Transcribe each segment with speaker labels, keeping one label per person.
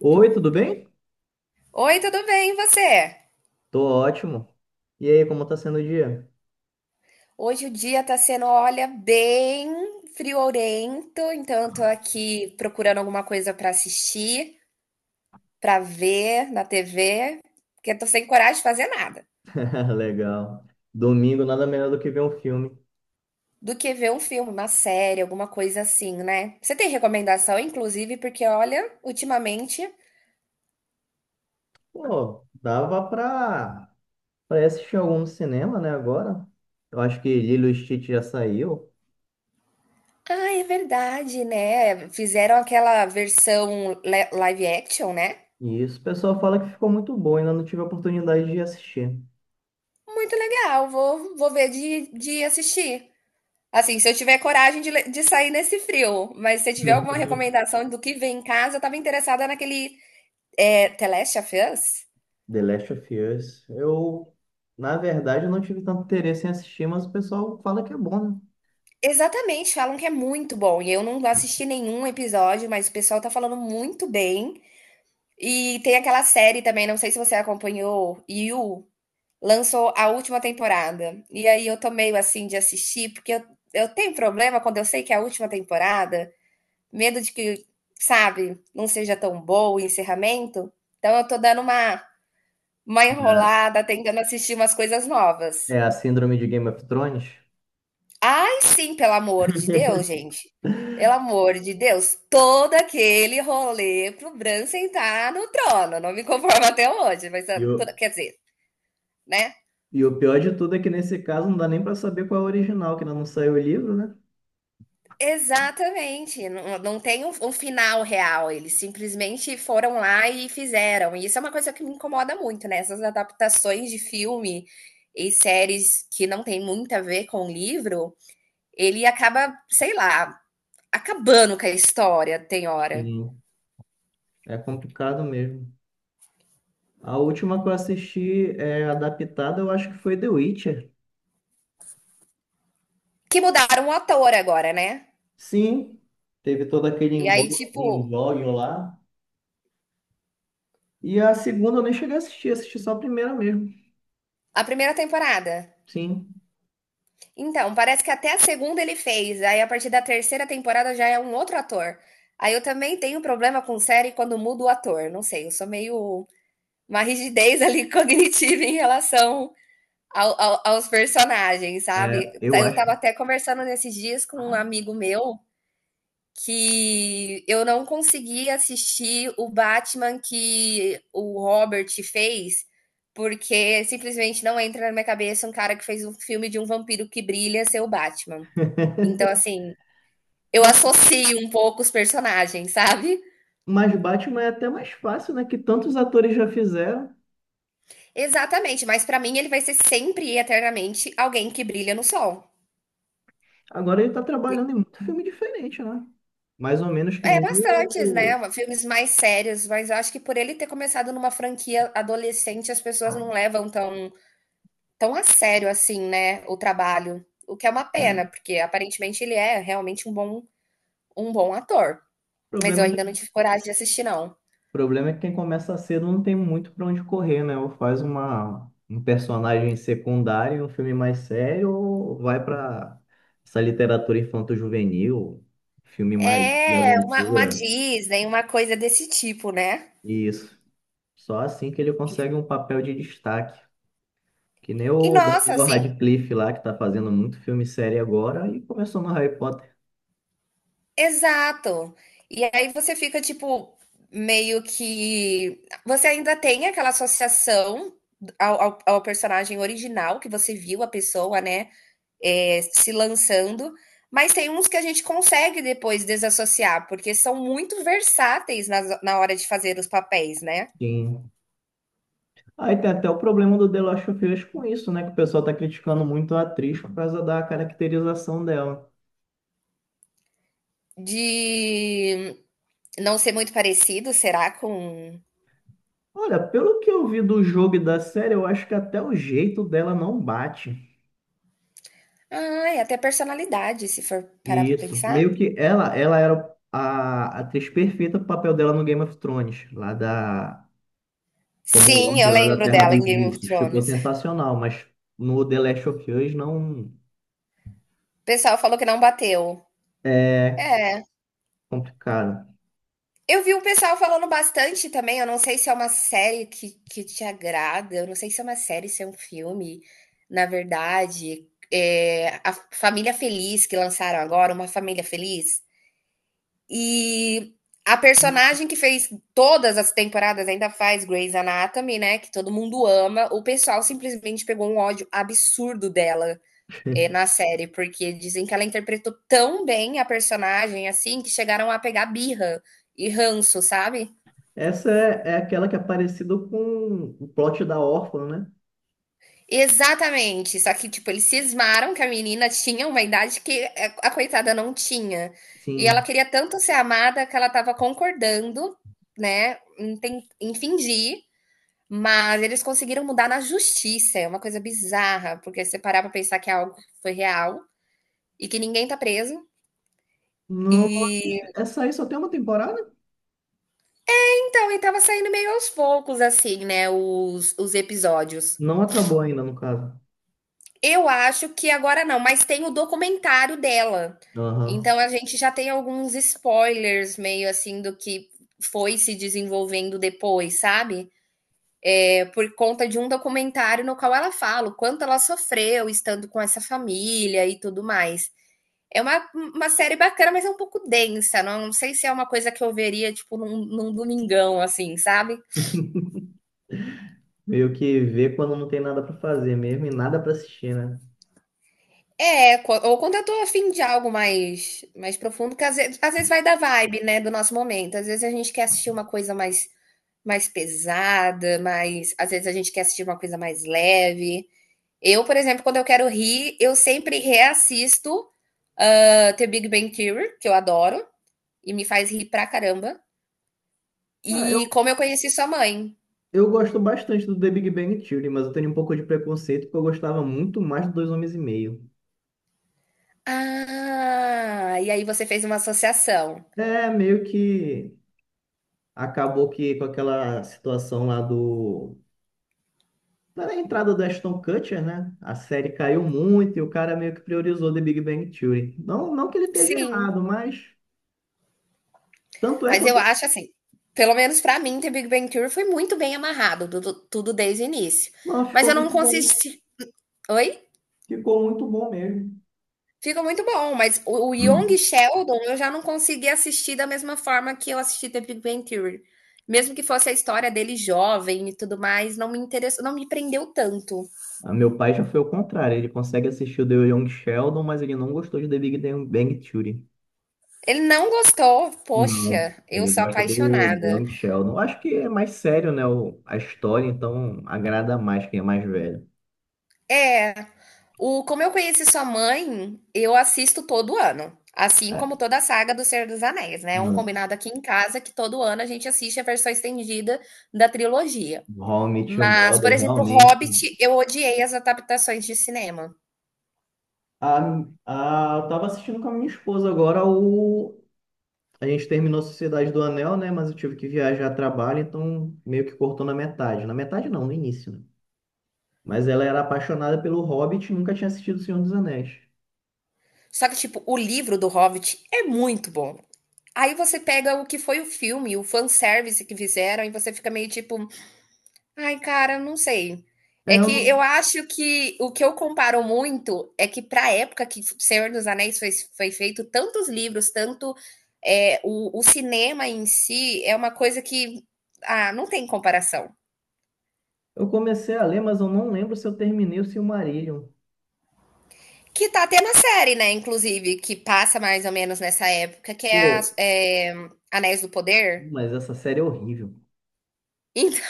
Speaker 1: Oi, tudo bem?
Speaker 2: Oi, tudo bem, e você?
Speaker 1: Tô ótimo. E aí, como tá sendo o dia?
Speaker 2: Hoje o dia tá sendo, olha, bem friorento, então eu tô aqui procurando alguma coisa pra assistir, pra ver na TV, porque eu tô sem coragem de fazer nada.
Speaker 1: Legal. Domingo, nada melhor do que ver um filme.
Speaker 2: Do que ver um filme, uma série, alguma coisa assim, né? Você tem recomendação, inclusive, porque olha, ultimamente,
Speaker 1: Pô, dava pra, pra assistir algum no cinema, né, agora? Eu acho que Lilo e Stitch já saiu.
Speaker 2: ah, é verdade, né? Fizeram aquela versão live action, né?
Speaker 1: E isso, o pessoal fala que ficou muito bom, ainda não tive a oportunidade de assistir.
Speaker 2: Muito legal, vou ver de assistir. Assim, se eu tiver coragem de sair nesse frio, mas se tiver alguma recomendação do que vem em casa, eu tava interessada naquele The Last of Us.
Speaker 1: The Last of Us. Na verdade, eu não tive tanto interesse em assistir, mas o pessoal fala que é bom, né?
Speaker 2: Exatamente, falam que é muito bom. E eu não assisti nenhum episódio, mas o pessoal tá falando muito bem. E tem aquela série também, não sei se você acompanhou, You, lançou a última temporada. E aí eu tô meio assim de assistir, porque eu tenho problema quando eu sei que é a última temporada. Medo de que, sabe, não seja tão bom o encerramento. Então eu tô dando uma enrolada, tentando assistir umas coisas novas.
Speaker 1: É a síndrome de Game of Thrones.
Speaker 2: Ai, sim, pelo amor de Deus, gente. Pelo amor de Deus, todo aquele rolê pro Bran sentar no trono. Não me conformo até hoje, mas ah,
Speaker 1: E o,
Speaker 2: quer dizer, né?
Speaker 1: E o pior de tudo é que nesse caso não dá nem para saber qual é o original, que ainda não saiu o livro, né?
Speaker 2: Exatamente, não tem um final real, eles simplesmente foram lá e fizeram, e isso é uma coisa que me incomoda muito, né, essas adaptações de filme e séries que não tem muito a ver com o livro, ele acaba, sei lá, acabando com a história, tem hora.
Speaker 1: Sim. É complicado mesmo. A última que eu assisti é adaptada, eu acho que foi The Witcher.
Speaker 2: Que mudaram o ator agora, né.
Speaker 1: Sim, teve todo aquele
Speaker 2: E aí, tipo,
Speaker 1: embrólio lá. E a segunda eu nem cheguei a assistir, assisti só a primeira mesmo.
Speaker 2: a primeira temporada.
Speaker 1: Sim,
Speaker 2: Então, parece que até a segunda ele fez, aí a partir da terceira temporada já é um outro ator. Aí eu também tenho problema com série quando muda o ator, não sei, eu sou meio uma rigidez ali cognitiva em relação aos personagens, sabe?
Speaker 1: é, eu
Speaker 2: Eu
Speaker 1: acho.
Speaker 2: tava até conversando nesses dias com um amigo meu que eu não consegui assistir o Batman que o Robert fez, porque simplesmente não entra na minha cabeça um cara que fez um filme de um vampiro que brilha ser o Batman. Então, assim, eu
Speaker 1: Mas,
Speaker 2: associo um pouco os personagens, sabe?
Speaker 1: mas Batman é até mais fácil, né? Que tantos atores já fizeram.
Speaker 2: Exatamente, mas pra mim ele vai ser sempre e eternamente alguém que brilha no sol.
Speaker 1: Agora ele tá trabalhando em muito filme diferente, né? Mais ou menos que
Speaker 2: É,
Speaker 1: nem
Speaker 2: bastantes, né?
Speaker 1: o
Speaker 2: Filmes mais sérios, mas eu acho que por ele ter começado numa franquia adolescente, as pessoas não levam tão a sério assim, né? O trabalho. O que é uma
Speaker 1: é,
Speaker 2: pena, porque aparentemente ele é realmente um bom ator. Mas eu
Speaker 1: problema de...
Speaker 2: ainda não
Speaker 1: o
Speaker 2: tive coragem de assistir, não.
Speaker 1: problema é que quem começa cedo não tem muito para onde correr, né? Ou faz uma um personagem secundário, em um filme mais sério, ou vai para essa literatura infanto-juvenil, filme mais de
Speaker 2: É, uma
Speaker 1: aventura.
Speaker 2: Disney, uma coisa desse tipo, né?
Speaker 1: Isso. Só assim que ele consegue um papel de destaque. Que nem
Speaker 2: E
Speaker 1: o
Speaker 2: nossa,
Speaker 1: Daniel
Speaker 2: assim,
Speaker 1: Radcliffe lá, que tá fazendo muito filme sério agora e começou no Harry Potter.
Speaker 2: exato. E aí você fica tipo meio que você ainda tem aquela associação ao personagem original que você viu a pessoa, né, se lançando, mas tem uns que a gente consegue depois desassociar porque são muito versáteis na hora de fazer os papéis, né?
Speaker 1: Sim. Aí tem até o problema do The Last of Us com isso, né? Que o pessoal tá criticando muito a atriz por causa da caracterização dela.
Speaker 2: De não ser muito parecido, será com,
Speaker 1: Olha, pelo que eu vi do jogo e da série, eu acho que até o jeito dela não bate.
Speaker 2: ai, até personalidade, se for parar
Speaker 1: E
Speaker 2: pra
Speaker 1: isso,
Speaker 2: pensar.
Speaker 1: meio que ela era a atriz perfeita pro papel dela no Game of Thrones, como
Speaker 2: Sim,
Speaker 1: Lorde
Speaker 2: eu
Speaker 1: lá da
Speaker 2: lembro
Speaker 1: Terra
Speaker 2: dela em
Speaker 1: dos
Speaker 2: Game of
Speaker 1: Ursos. Ficou
Speaker 2: Thrones.
Speaker 1: sensacional, mas no The Last of Us não
Speaker 2: O pessoal falou que não bateu.
Speaker 1: é
Speaker 2: É.
Speaker 1: complicado.
Speaker 2: Eu vi um pessoal falando bastante também. Eu não sei se é uma série que te agrada. Eu não sei se é uma série, se é um filme. Na verdade, a Família Feliz que lançaram agora, Uma Família Feliz. E a personagem que fez todas as temporadas ainda faz Grey's Anatomy, né? Que todo mundo ama. O pessoal simplesmente pegou um ódio absurdo dela. É, na série, porque dizem que ela interpretou tão bem a personagem, assim, que chegaram a pegar birra e ranço, sabe?
Speaker 1: Essa é, é aquela que é parecida com o plot da órfã, né?
Speaker 2: Exatamente. Só que, tipo, eles cismaram que a menina tinha uma idade que a coitada não tinha. E ela
Speaker 1: Sim.
Speaker 2: queria tanto ser amada que ela tava concordando, né, em fingir, mas eles conseguiram mudar na justiça. É uma coisa bizarra, porque se você parar pra pensar que é algo que foi real e que ninguém tá preso.
Speaker 1: Nossa,
Speaker 2: E
Speaker 1: essa aí só tem uma temporada?
Speaker 2: então, e tava saindo meio aos poucos, assim, né, os episódios.
Speaker 1: Não acabou ainda, no caso.
Speaker 2: Eu acho que agora não, mas tem o documentário dela.
Speaker 1: Aham.
Speaker 2: Então a gente já tem alguns spoilers meio assim do que foi se desenvolvendo depois, sabe? É por conta de um documentário no qual ela fala o quanto ela sofreu estando com essa família e tudo mais. É uma série bacana, mas é um pouco densa. Não, não sei se é uma coisa que eu veria, tipo, num domingão, assim, sabe?
Speaker 1: Meio que vê quando não tem nada pra fazer mesmo e nada pra assistir, né?
Speaker 2: É, ou quando eu tô afim de algo mais profundo, que às vezes vai da vibe, né, do nosso momento. Às vezes a gente quer assistir uma coisa mais pesada, às vezes a gente quer assistir uma coisa mais leve. Eu, por exemplo, quando eu quero rir, eu sempre reassisto The Big Bang Theory, que eu adoro, e me faz rir pra caramba.
Speaker 1: Cara, eu,
Speaker 2: E como eu conheci sua mãe.
Speaker 1: eu gosto bastante do The Big Bang Theory, mas eu tenho um pouco de preconceito porque eu gostava muito mais do Dois Homens e Meio.
Speaker 2: Ah, e aí você fez uma associação.
Speaker 1: É, meio que acabou que com aquela situação lá do... Da entrada do Ashton Kutcher, né? A série caiu muito e o cara meio que priorizou The Big Bang Theory. Não, não que ele esteja
Speaker 2: Sim.
Speaker 1: errado, mas... Tanto é que
Speaker 2: Mas
Speaker 1: eu...
Speaker 2: eu acho assim, pelo menos para mim, The Big Bang Theory foi muito bem amarrado, tudo, tudo desde o início.
Speaker 1: Não,
Speaker 2: Mas
Speaker 1: ficou
Speaker 2: eu não
Speaker 1: muito bom.
Speaker 2: consegui. Oi?
Speaker 1: Ficou muito bom mesmo.
Speaker 2: Fica muito bom, mas o Young
Speaker 1: Hum.
Speaker 2: Sheldon eu já não consegui assistir da mesma forma que eu assisti The Big Bang Theory. Mesmo que fosse a história dele jovem e tudo mais, não me interessou, não me prendeu tanto.
Speaker 1: Ah, meu pai já foi ao contrário. Ele consegue assistir o The Young Sheldon, mas ele não gostou de The Big Bang Theory.
Speaker 2: Ele não gostou,
Speaker 1: Não,
Speaker 2: poxa, eu
Speaker 1: ele
Speaker 2: sou
Speaker 1: gosta do
Speaker 2: apaixonada.
Speaker 1: Young Sheldon. Eu acho que é mais sério, né? o- A história, então agrada mais quem é mais velho.
Speaker 2: É, o Como Eu Conheci Sua Mãe, eu assisto todo ano, assim
Speaker 1: É.
Speaker 2: como toda a saga do Senhor dos Anéis, né? É um
Speaker 1: Não.
Speaker 2: combinado aqui em casa que todo ano a gente assiste a versão estendida da trilogia.
Speaker 1: How I Met Your
Speaker 2: Mas,
Speaker 1: Mother,
Speaker 2: por exemplo, o
Speaker 1: realmente.
Speaker 2: Hobbit, eu odiei as adaptações de cinema.
Speaker 1: Ah, ah, eu tava assistindo com a minha esposa agora o. A gente terminou a Sociedade do Anel, né? Mas eu tive que viajar a trabalho, então meio que cortou na metade. Na metade não, no início, né? Mas ela era apaixonada pelo Hobbit e nunca tinha assistido O Senhor dos Anéis.
Speaker 2: Só que, tipo, o livro do Hobbit é muito bom. Aí você pega o que foi o filme, o fanservice que fizeram, e você fica meio tipo, ai, cara, eu não sei.
Speaker 1: É,
Speaker 2: É que
Speaker 1: eu,
Speaker 2: eu
Speaker 1: não-
Speaker 2: acho que o que eu comparo muito é que para a época que Senhor dos Anéis foi, foi feito tantos livros, tanto o cinema em si é uma coisa que ah, não tem comparação.
Speaker 1: eu comecei a ler, mas eu não lembro se eu terminei o Silmarillion.
Speaker 2: Que tá tendo a série, né? Inclusive, que passa mais ou menos nessa época, que é, a,
Speaker 1: Pô,
Speaker 2: é, Anéis do Poder.
Speaker 1: mas essa série é horrível.
Speaker 2: Então,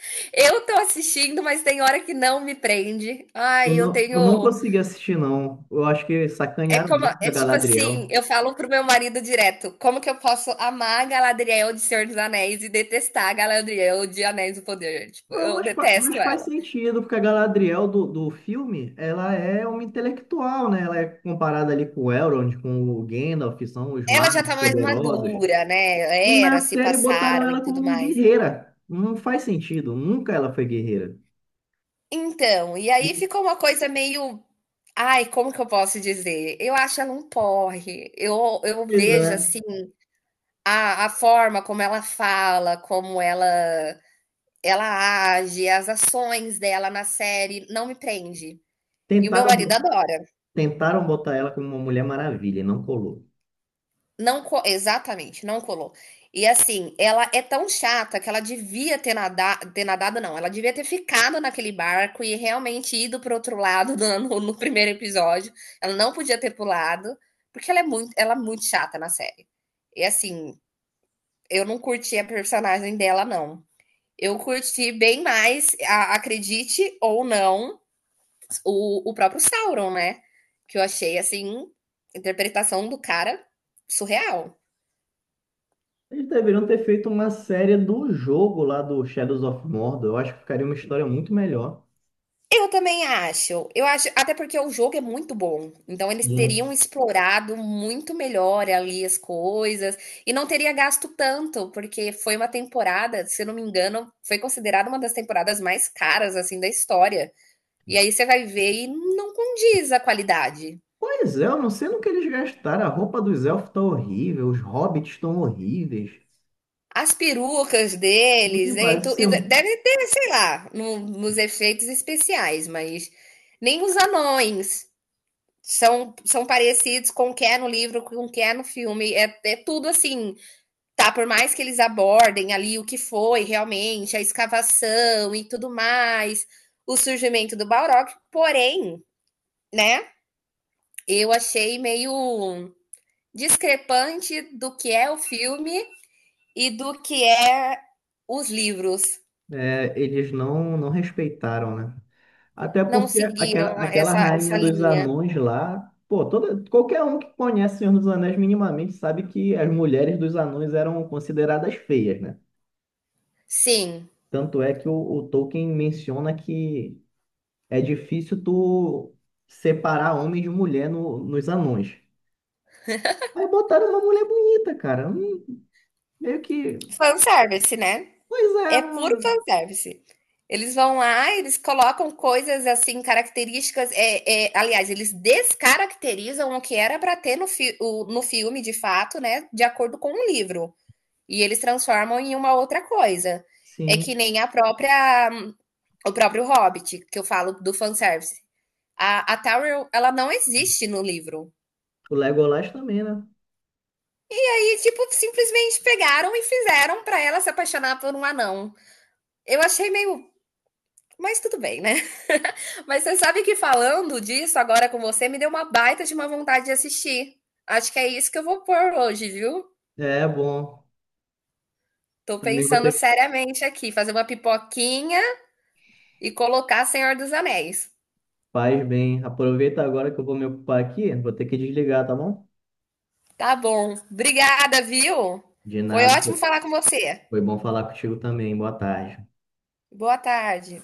Speaker 2: eu tô assistindo, mas tem hora que não me prende. Ai, eu
Speaker 1: Eu não
Speaker 2: tenho.
Speaker 1: consegui assistir, não. Eu acho que
Speaker 2: É
Speaker 1: sacanearam
Speaker 2: como,
Speaker 1: muito com a
Speaker 2: é tipo assim,
Speaker 1: Galadriel.
Speaker 2: eu falo pro meu marido direto, como que eu posso amar a Galadriel de Senhor dos Anéis e detestar a Galadriel de Anéis do Poder? Tipo,
Speaker 1: Não,
Speaker 2: eu
Speaker 1: mas, fa- mas
Speaker 2: detesto
Speaker 1: faz
Speaker 2: ela.
Speaker 1: sentido, porque a Galadriel do filme, ela é uma intelectual, né? Ela é comparada ali com o Elrond, com o Gandalf, que são os
Speaker 2: Ela já
Speaker 1: magos
Speaker 2: tá mais
Speaker 1: poderosos.
Speaker 2: madura,
Speaker 1: E
Speaker 2: né?
Speaker 1: na
Speaker 2: Eras se
Speaker 1: série botaram
Speaker 2: passaram e
Speaker 1: ela
Speaker 2: tudo
Speaker 1: como
Speaker 2: mais.
Speaker 1: guerreira. Não faz sentido. Nunca ela foi guerreira.
Speaker 2: Então, e aí ficou uma coisa meio. Ai, como que eu posso dizer? Eu acho ela um porre. Eu
Speaker 1: Pois
Speaker 2: vejo,
Speaker 1: é.
Speaker 2: assim, a forma como ela fala, como ela age, as ações dela na série, não me prende. E o meu
Speaker 1: Tentaram,
Speaker 2: marido
Speaker 1: bo-
Speaker 2: adora.
Speaker 1: tentaram botar ela como uma Mulher Maravilha, e não colou.
Speaker 2: Não co Exatamente, não colou. E assim, ela é tão chata que ela devia ter nadado não, ela devia ter ficado naquele barco e realmente ido para outro lado do no primeiro episódio. Ela não podia ter pulado, porque ela é muito chata na série. E assim, eu não curti a personagem dela não. Eu curti bem mais, a acredite ou não, o próprio Sauron, né? Que eu achei, assim, a interpretação do cara surreal.
Speaker 1: Eles deveriam ter feito uma série do jogo lá do Shadows of Mordor. Eu acho que ficaria uma história muito melhor.
Speaker 2: Eu também acho. Eu acho, até porque o jogo é muito bom. Então eles
Speaker 1: Sim.
Speaker 2: teriam explorado muito melhor ali as coisas e não teria gasto tanto, porque foi uma temporada, se eu não me engano, foi considerada uma das temporadas mais caras assim da história. E aí você vai ver e não condiz a qualidade.
Speaker 1: Pois é, eu não sei no que eles gastaram. A roupa dos elfos tá horrível, os hobbits estão horríveis.
Speaker 2: As perucas
Speaker 1: Me
Speaker 2: deles, né?
Speaker 1: parece
Speaker 2: Então, e
Speaker 1: ser um.
Speaker 2: deve ter, sei lá, nos efeitos especiais, mas nem os anões são parecidos com o que é no livro, com o que é no filme. É, tudo assim, tá? Por mais que eles abordem ali o que foi realmente, a escavação e tudo mais, o surgimento do Balrog, porém, né? Eu achei meio discrepante do que é o filme e do que é os livros.
Speaker 1: É, eles não, não respeitaram, né? Até
Speaker 2: Não
Speaker 1: porque
Speaker 2: seguiram
Speaker 1: aquela
Speaker 2: essa
Speaker 1: rainha dos
Speaker 2: linha.
Speaker 1: anões lá, pô, toda, qualquer um que conhece Senhor dos Anéis minimamente sabe que as mulheres dos anões eram consideradas feias, né?
Speaker 2: Sim,
Speaker 1: Tanto é que o Tolkien menciona que é difícil tu separar homem de mulher no- nos anões. Aí botaram uma mulher bonita, cara. Meio que.
Speaker 2: fanservice, né?
Speaker 1: Pois é,
Speaker 2: É puro
Speaker 1: não-
Speaker 2: fanservice. Eles vão lá, eles colocam coisas assim, características. Aliás, eles descaracterizam o que era para ter no filme, de fato, né? De acordo com o livro. E eles transformam em uma outra coisa. É que
Speaker 1: sim.
Speaker 2: nem a própria, o próprio Hobbit, que eu falo do fanservice. A Tauriel, ela não existe no livro.
Speaker 1: O Legolas também, né?
Speaker 2: E, tipo, simplesmente pegaram e fizeram para ela se apaixonar por um anão. Eu achei meio. Mas tudo bem, né? Mas você sabe que falando disso agora com você, me deu uma baita de uma vontade de assistir. Acho que é isso que eu vou pôr hoje, viu?
Speaker 1: É bom.
Speaker 2: Tô
Speaker 1: Também vou ter
Speaker 2: pensando
Speaker 1: que.
Speaker 2: seriamente aqui, fazer uma pipoquinha e colocar Senhor dos Anéis.
Speaker 1: Faz bem. Aproveita agora que eu vou me ocupar aqui. Vou ter que desligar, tá bom?
Speaker 2: Tá bom. Obrigada, viu?
Speaker 1: De
Speaker 2: Foi
Speaker 1: nada,
Speaker 2: ótimo
Speaker 1: pô.
Speaker 2: falar com você.
Speaker 1: Foi bom falar contigo também. Boa tarde.
Speaker 2: Boa tarde.